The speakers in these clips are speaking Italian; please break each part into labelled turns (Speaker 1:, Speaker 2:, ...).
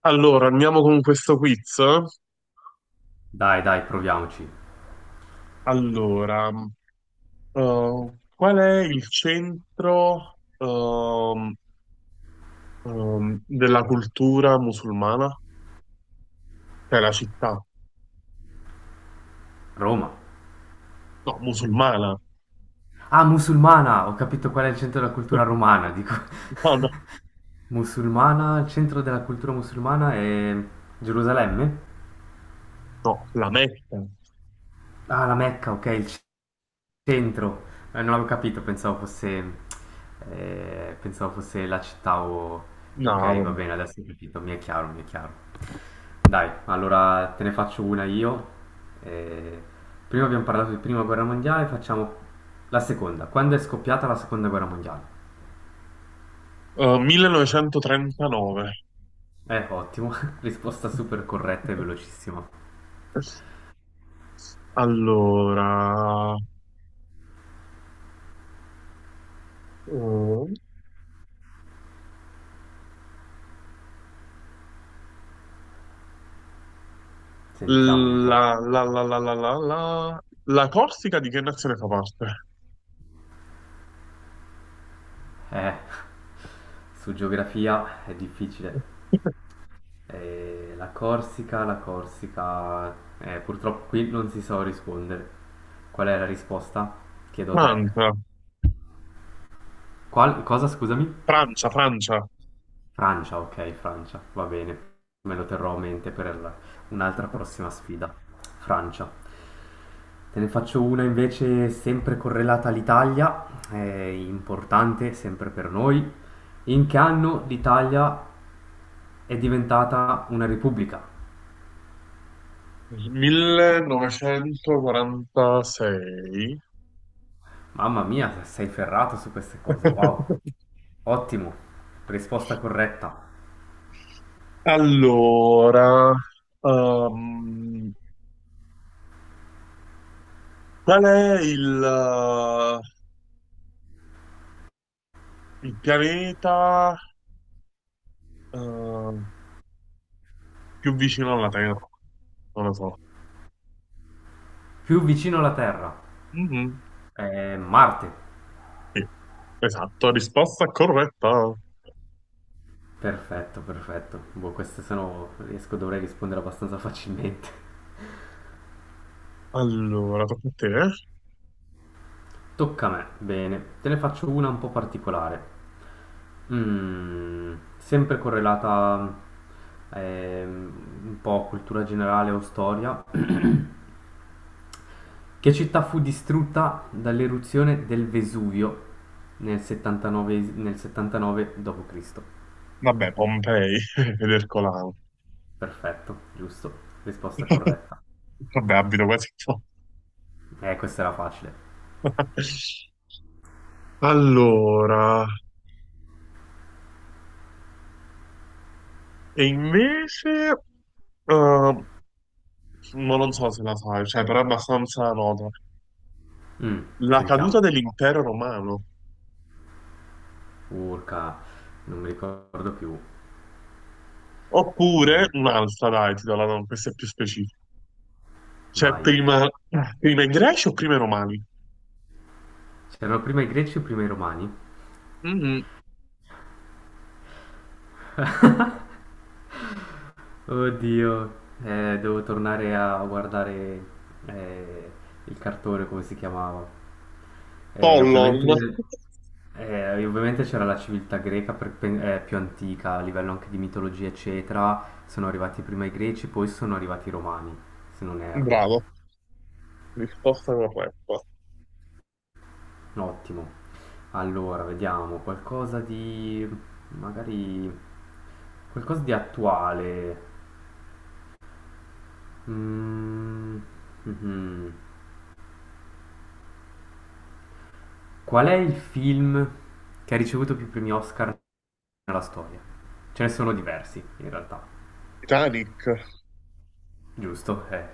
Speaker 1: Allora, andiamo con questo quiz.
Speaker 2: Dai, dai, proviamoci.
Speaker 1: Allora, qual è il centro della cultura musulmana? Cioè la città?
Speaker 2: Roma.
Speaker 1: No, musulmana.
Speaker 2: Ah, musulmana! Ho capito qual è il centro della cultura romana, dico.
Speaker 1: No, no,
Speaker 2: musulmana, il centro della cultura musulmana è Gerusalemme?
Speaker 1: no, la Mecca.
Speaker 2: Ah, la Mecca, ok, il centro, non avevo capito, pensavo fosse la città o. Ok, va
Speaker 1: No,
Speaker 2: bene, adesso ho capito, mi è chiaro, mi è chiaro. Dai, allora te ne faccio una io. Eh, Prima abbiamo parlato di Prima Guerra Mondiale, facciamo la seconda. Quando è scoppiata la Seconda Guerra Mondiale?
Speaker 1: 1939.
Speaker 2: Ottimo, risposta super corretta e velocissima.
Speaker 1: Allora, eh,
Speaker 2: Sentiamo un
Speaker 1: la,
Speaker 2: po'.
Speaker 1: la, la, la, la, la, la, la Corsica di che nazione fa parte?
Speaker 2: Eh, su geografia è difficile. La Corsica, purtroppo qui non si so rispondere. Qual è la risposta? Chiedo te.
Speaker 1: Francia.
Speaker 2: Cosa, scusami?
Speaker 1: Francia, Francia,
Speaker 2: Francia, ok, Francia, va bene. Me lo terrò a mente per un'altra prossima sfida. Francia. Te ne faccio una invece sempre correlata all'Italia, è importante sempre per noi. In che anno l'Italia è diventata una repubblica?
Speaker 1: 1946.
Speaker 2: Mamma mia, sei ferrato su queste cose, wow. Ottimo, risposta corretta.
Speaker 1: Allora, ehm, qual è il pianeta eh, più vicino alla Terra? Non lo so.
Speaker 2: Più vicino alla Terra.
Speaker 1: Mhm,
Speaker 2: Marte.
Speaker 1: sì, esatto, risposta corretta.
Speaker 2: Perfetto, perfetto. Boh, queste se no riesco, dovrei rispondere abbastanza facilmente.
Speaker 1: Allora, tocca a te, eh?
Speaker 2: Tocca a me, bene, te ne faccio una un po' particolare, sempre correlata ehm, un po' a cultura generale o storia. Che città fu distrutta dall'eruzione del Vesuvio nel 79 d.C.?
Speaker 1: Vabbè, Pompei ed Ercolano.
Speaker 2: Perfetto, giusto, risposta corretta.
Speaker 1: Vabbè, abito quasi qua.
Speaker 2: Questa era facile.
Speaker 1: Allora, e invece, eh, ma non so se la sai, cioè, però è abbastanza nota.
Speaker 2: Mm,
Speaker 1: La caduta
Speaker 2: Sentiamo.
Speaker 1: dell'impero romano.
Speaker 2: Urca, non mi ricordo più.
Speaker 1: Oppure
Speaker 2: Eh,
Speaker 1: un'altra, dai, ti do la no, questa è più specifica. Cioè,
Speaker 2: Vai.
Speaker 1: prima, prima i greci o prima i romani?
Speaker 2: C'erano prima i greci o prima i romani?
Speaker 1: Mm,
Speaker 2: Oddio, devo tornare a guardare eh, il cartone, come si chiamava. Eh,
Speaker 1: Pollo,
Speaker 2: ovviamente, ovviamente c'era la civiltà greca più antica, a livello anche di mitologia, eccetera. Sono arrivati prima i greci, poi sono arrivati i romani, se non erro.
Speaker 1: bravo, risposta corretta.
Speaker 2: Ottimo. Allora, vediamo, magari, qualcosa di attuale. Mhmm, mhm. Qual è il film che ha ricevuto più premi Oscar nella storia? Ce ne sono diversi, in realtà.
Speaker 1: Titanic.
Speaker 2: Giusto?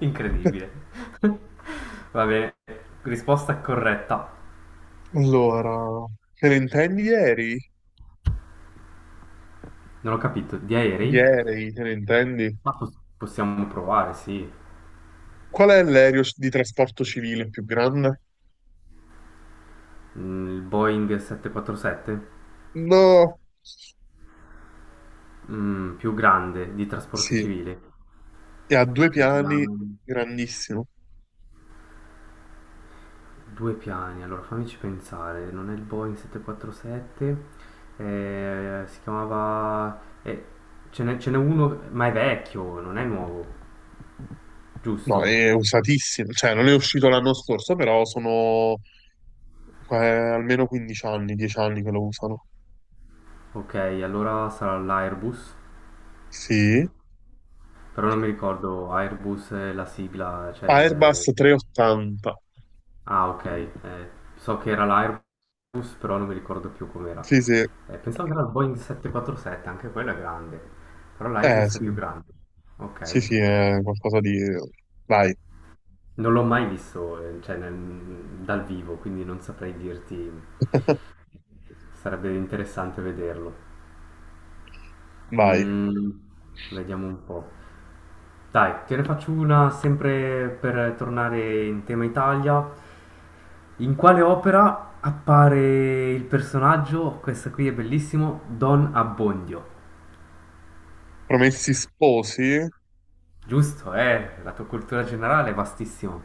Speaker 2: Incredibile. Va bene, risposta corretta.
Speaker 1: Allora, te ne intendi ieri?
Speaker 2: Non ho capito, di aerei?
Speaker 1: Ieri, te ne intendi?
Speaker 2: Ma possiamo provare, sì.
Speaker 1: Qual è l'aereo di trasporto civile più grande?
Speaker 2: Il Boeing 747?
Speaker 1: No,
Speaker 2: Più grande, di trasporto
Speaker 1: sì,
Speaker 2: civile.
Speaker 1: e ha due
Speaker 2: Più
Speaker 1: piani,
Speaker 2: grande.
Speaker 1: grandissimo.
Speaker 2: Due piani, allora fammici pensare, non è il Boeing 747, eh, si chiamava... eh, ce n'è uno, ma è vecchio, non è nuovo,
Speaker 1: No,
Speaker 2: giusto?
Speaker 1: è usatissimo, cioè non è uscito l'anno scorso, però sono almeno 15 anni, 10 anni che lo usano.
Speaker 2: Ok, allora sarà l'Airbus,
Speaker 1: Sì,
Speaker 2: però non mi ricordo, Airbus è la sigla, cioè...
Speaker 1: Airbus
Speaker 2: le-
Speaker 1: 380.
Speaker 2: Ah, ok, so che era l'Airbus, però non mi ricordo più com'era.
Speaker 1: Sì, sì,
Speaker 2: Pensavo che era il Boeing 747, anche quello è grande, però
Speaker 1: eh
Speaker 2: l'Airbus è
Speaker 1: sì,
Speaker 2: più grande.
Speaker 1: sì,
Speaker 2: Ok.
Speaker 1: sì, è qualcosa di... Vai,
Speaker 2: Non l'ho mai visto, cioè, dal vivo, quindi non saprei dirti, sarebbe interessante vederlo.
Speaker 1: vai.
Speaker 2: Mm, Vediamo un po'. Dai, te ne faccio una sempre per tornare in tema Italia. In quale opera appare il personaggio, questo qui è bellissimo, Don Abbondio?
Speaker 1: Promessi sposi?
Speaker 2: Giusto, eh? La tua cultura generale è vastissima.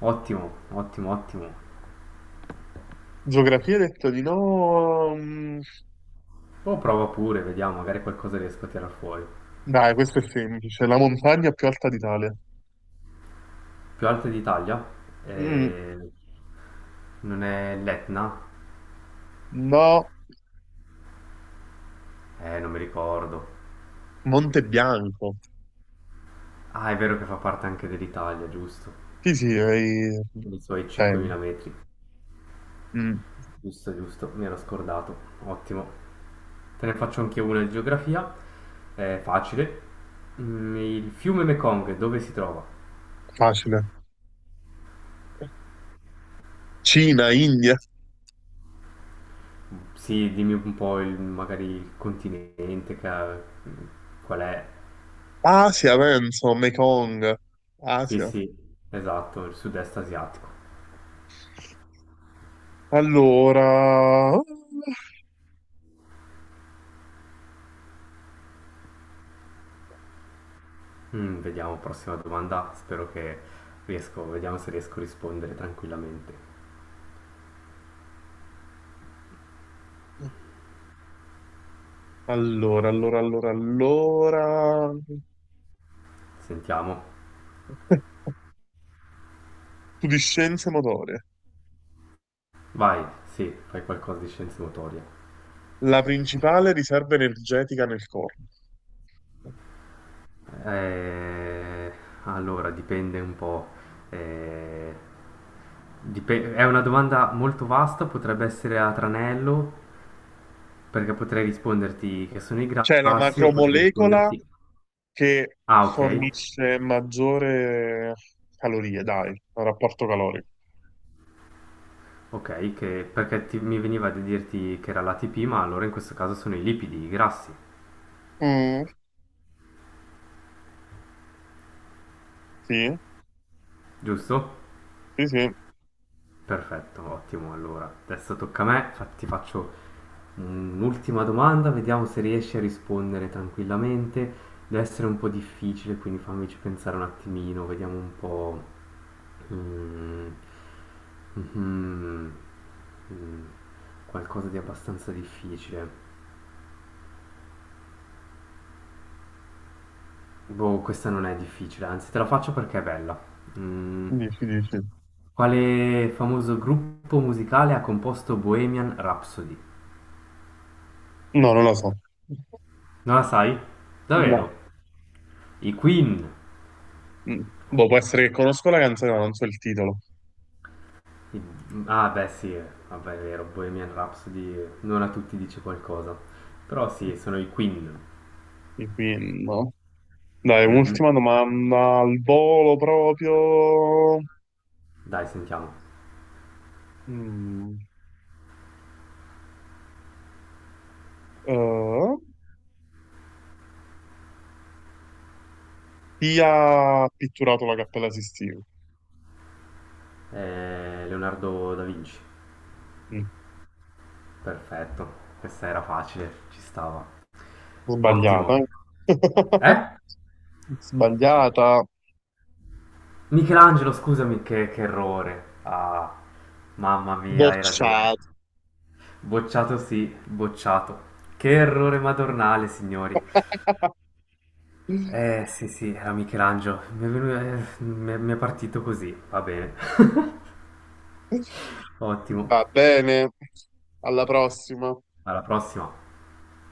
Speaker 2: Ottimo, ottimo, ottimo.
Speaker 1: Geografia hai detto di no.
Speaker 2: O prova pure, vediamo, magari qualcosa riesco a tirar fuori.
Speaker 1: Dai, questo è semplice. La montagna più alta d'Italia.
Speaker 2: Più alta d'Italia,
Speaker 1: Mm,
Speaker 2: eh, non è l'Etna?
Speaker 1: no,
Speaker 2: Non mi ricordo.
Speaker 1: Monte Bianco.
Speaker 2: Ah, è vero che fa parte anche dell'Italia, giusto?
Speaker 1: Sì, sì, hai...
Speaker 2: I suoi
Speaker 1: eh,
Speaker 2: 5.000 metri,
Speaker 1: mm,
Speaker 2: giusto, giusto, mi ero scordato. Ottimo. Te ne faccio anche una di geografia, è facile. Il fiume Mekong dove si trova?
Speaker 1: facile. Cina, India,
Speaker 2: Sì, dimmi un po' il, magari il continente, che, qual è?
Speaker 1: Asia, penso, Mekong,
Speaker 2: Sì,
Speaker 1: Asia.
Speaker 2: sì, esatto, il sud-est asiatico.
Speaker 1: Allora,
Speaker 2: Vediamo, prossima domanda. Spero che riesco, vediamo se riesco a rispondere tranquillamente.
Speaker 1: allora.
Speaker 2: Sentiamo.
Speaker 1: Tu di scienze motorie.
Speaker 2: Vai, sì, fai qualcosa di scienze motorie.
Speaker 1: La principale riserva energetica nel corpo.
Speaker 2: Eh, allora, dipende un po'. eh, è una domanda molto vasta, potrebbe essere a tranello, perché potrei risponderti che sono i
Speaker 1: Cioè la
Speaker 2: grassi o potrei
Speaker 1: macromolecola
Speaker 2: risponderti.
Speaker 1: che
Speaker 2: Ah, ok,
Speaker 1: fornisce maggiore calorie, dai, al rapporto calorico.
Speaker 2: ok, perché mi veniva da dirti che era l'ATP, ma allora in questo caso sono i lipidi, i grassi,
Speaker 1: Mm, sì,
Speaker 2: giusto?
Speaker 1: sì, sì,
Speaker 2: Perfetto, ottimo. Allora, adesso tocca a me, ti faccio un'ultima domanda, vediamo se riesci a rispondere tranquillamente. Deve essere un po' difficile, quindi fammici pensare un attimino, vediamo un po'. Mm, mhm, mm, qualcosa di abbastanza difficile. Boh, questa non è difficile, anzi te la faccio perché è bella. Mm,
Speaker 1: dici, dici.
Speaker 2: quale famoso gruppo musicale ha composto Bohemian Rhapsody?
Speaker 1: No, non lo so.
Speaker 2: Non la sai? Davvero?
Speaker 1: No.
Speaker 2: I Queen.
Speaker 1: Mm. Boh, può essere che conosco la canzone, ma non so il titolo.
Speaker 2: I- Ah, beh, sì, vabbè, è vero, Bohemian Rhapsody non a tutti dice qualcosa. Però sì, sono i Queen.
Speaker 1: Quindi, no. Dai,
Speaker 2: Mhm.
Speaker 1: un'ultima domanda al volo proprio.
Speaker 2: Dai, sentiamo.
Speaker 1: Mm. Eh, Chi ha pitturato la Cappella Sistina?
Speaker 2: Leonardo da Vinci.
Speaker 1: Mm.
Speaker 2: Perfetto. Questa era facile, ci stava.
Speaker 1: Sbagliata,
Speaker 2: Ottimo.
Speaker 1: eh?
Speaker 2: Eh?
Speaker 1: Sbagliata.
Speaker 2: Michelangelo, scusami, che errore. Ah, mamma mia, hai ragione.
Speaker 1: Bocciata.
Speaker 2: Bocciato sì, bocciato. Che errore madornale, signori. Eh sì sì, era Michelangelo. Mi è, venu- mi è partito così, va bene. Ottimo.
Speaker 1: Va bene. Alla prossima.
Speaker 2: Alla prossima.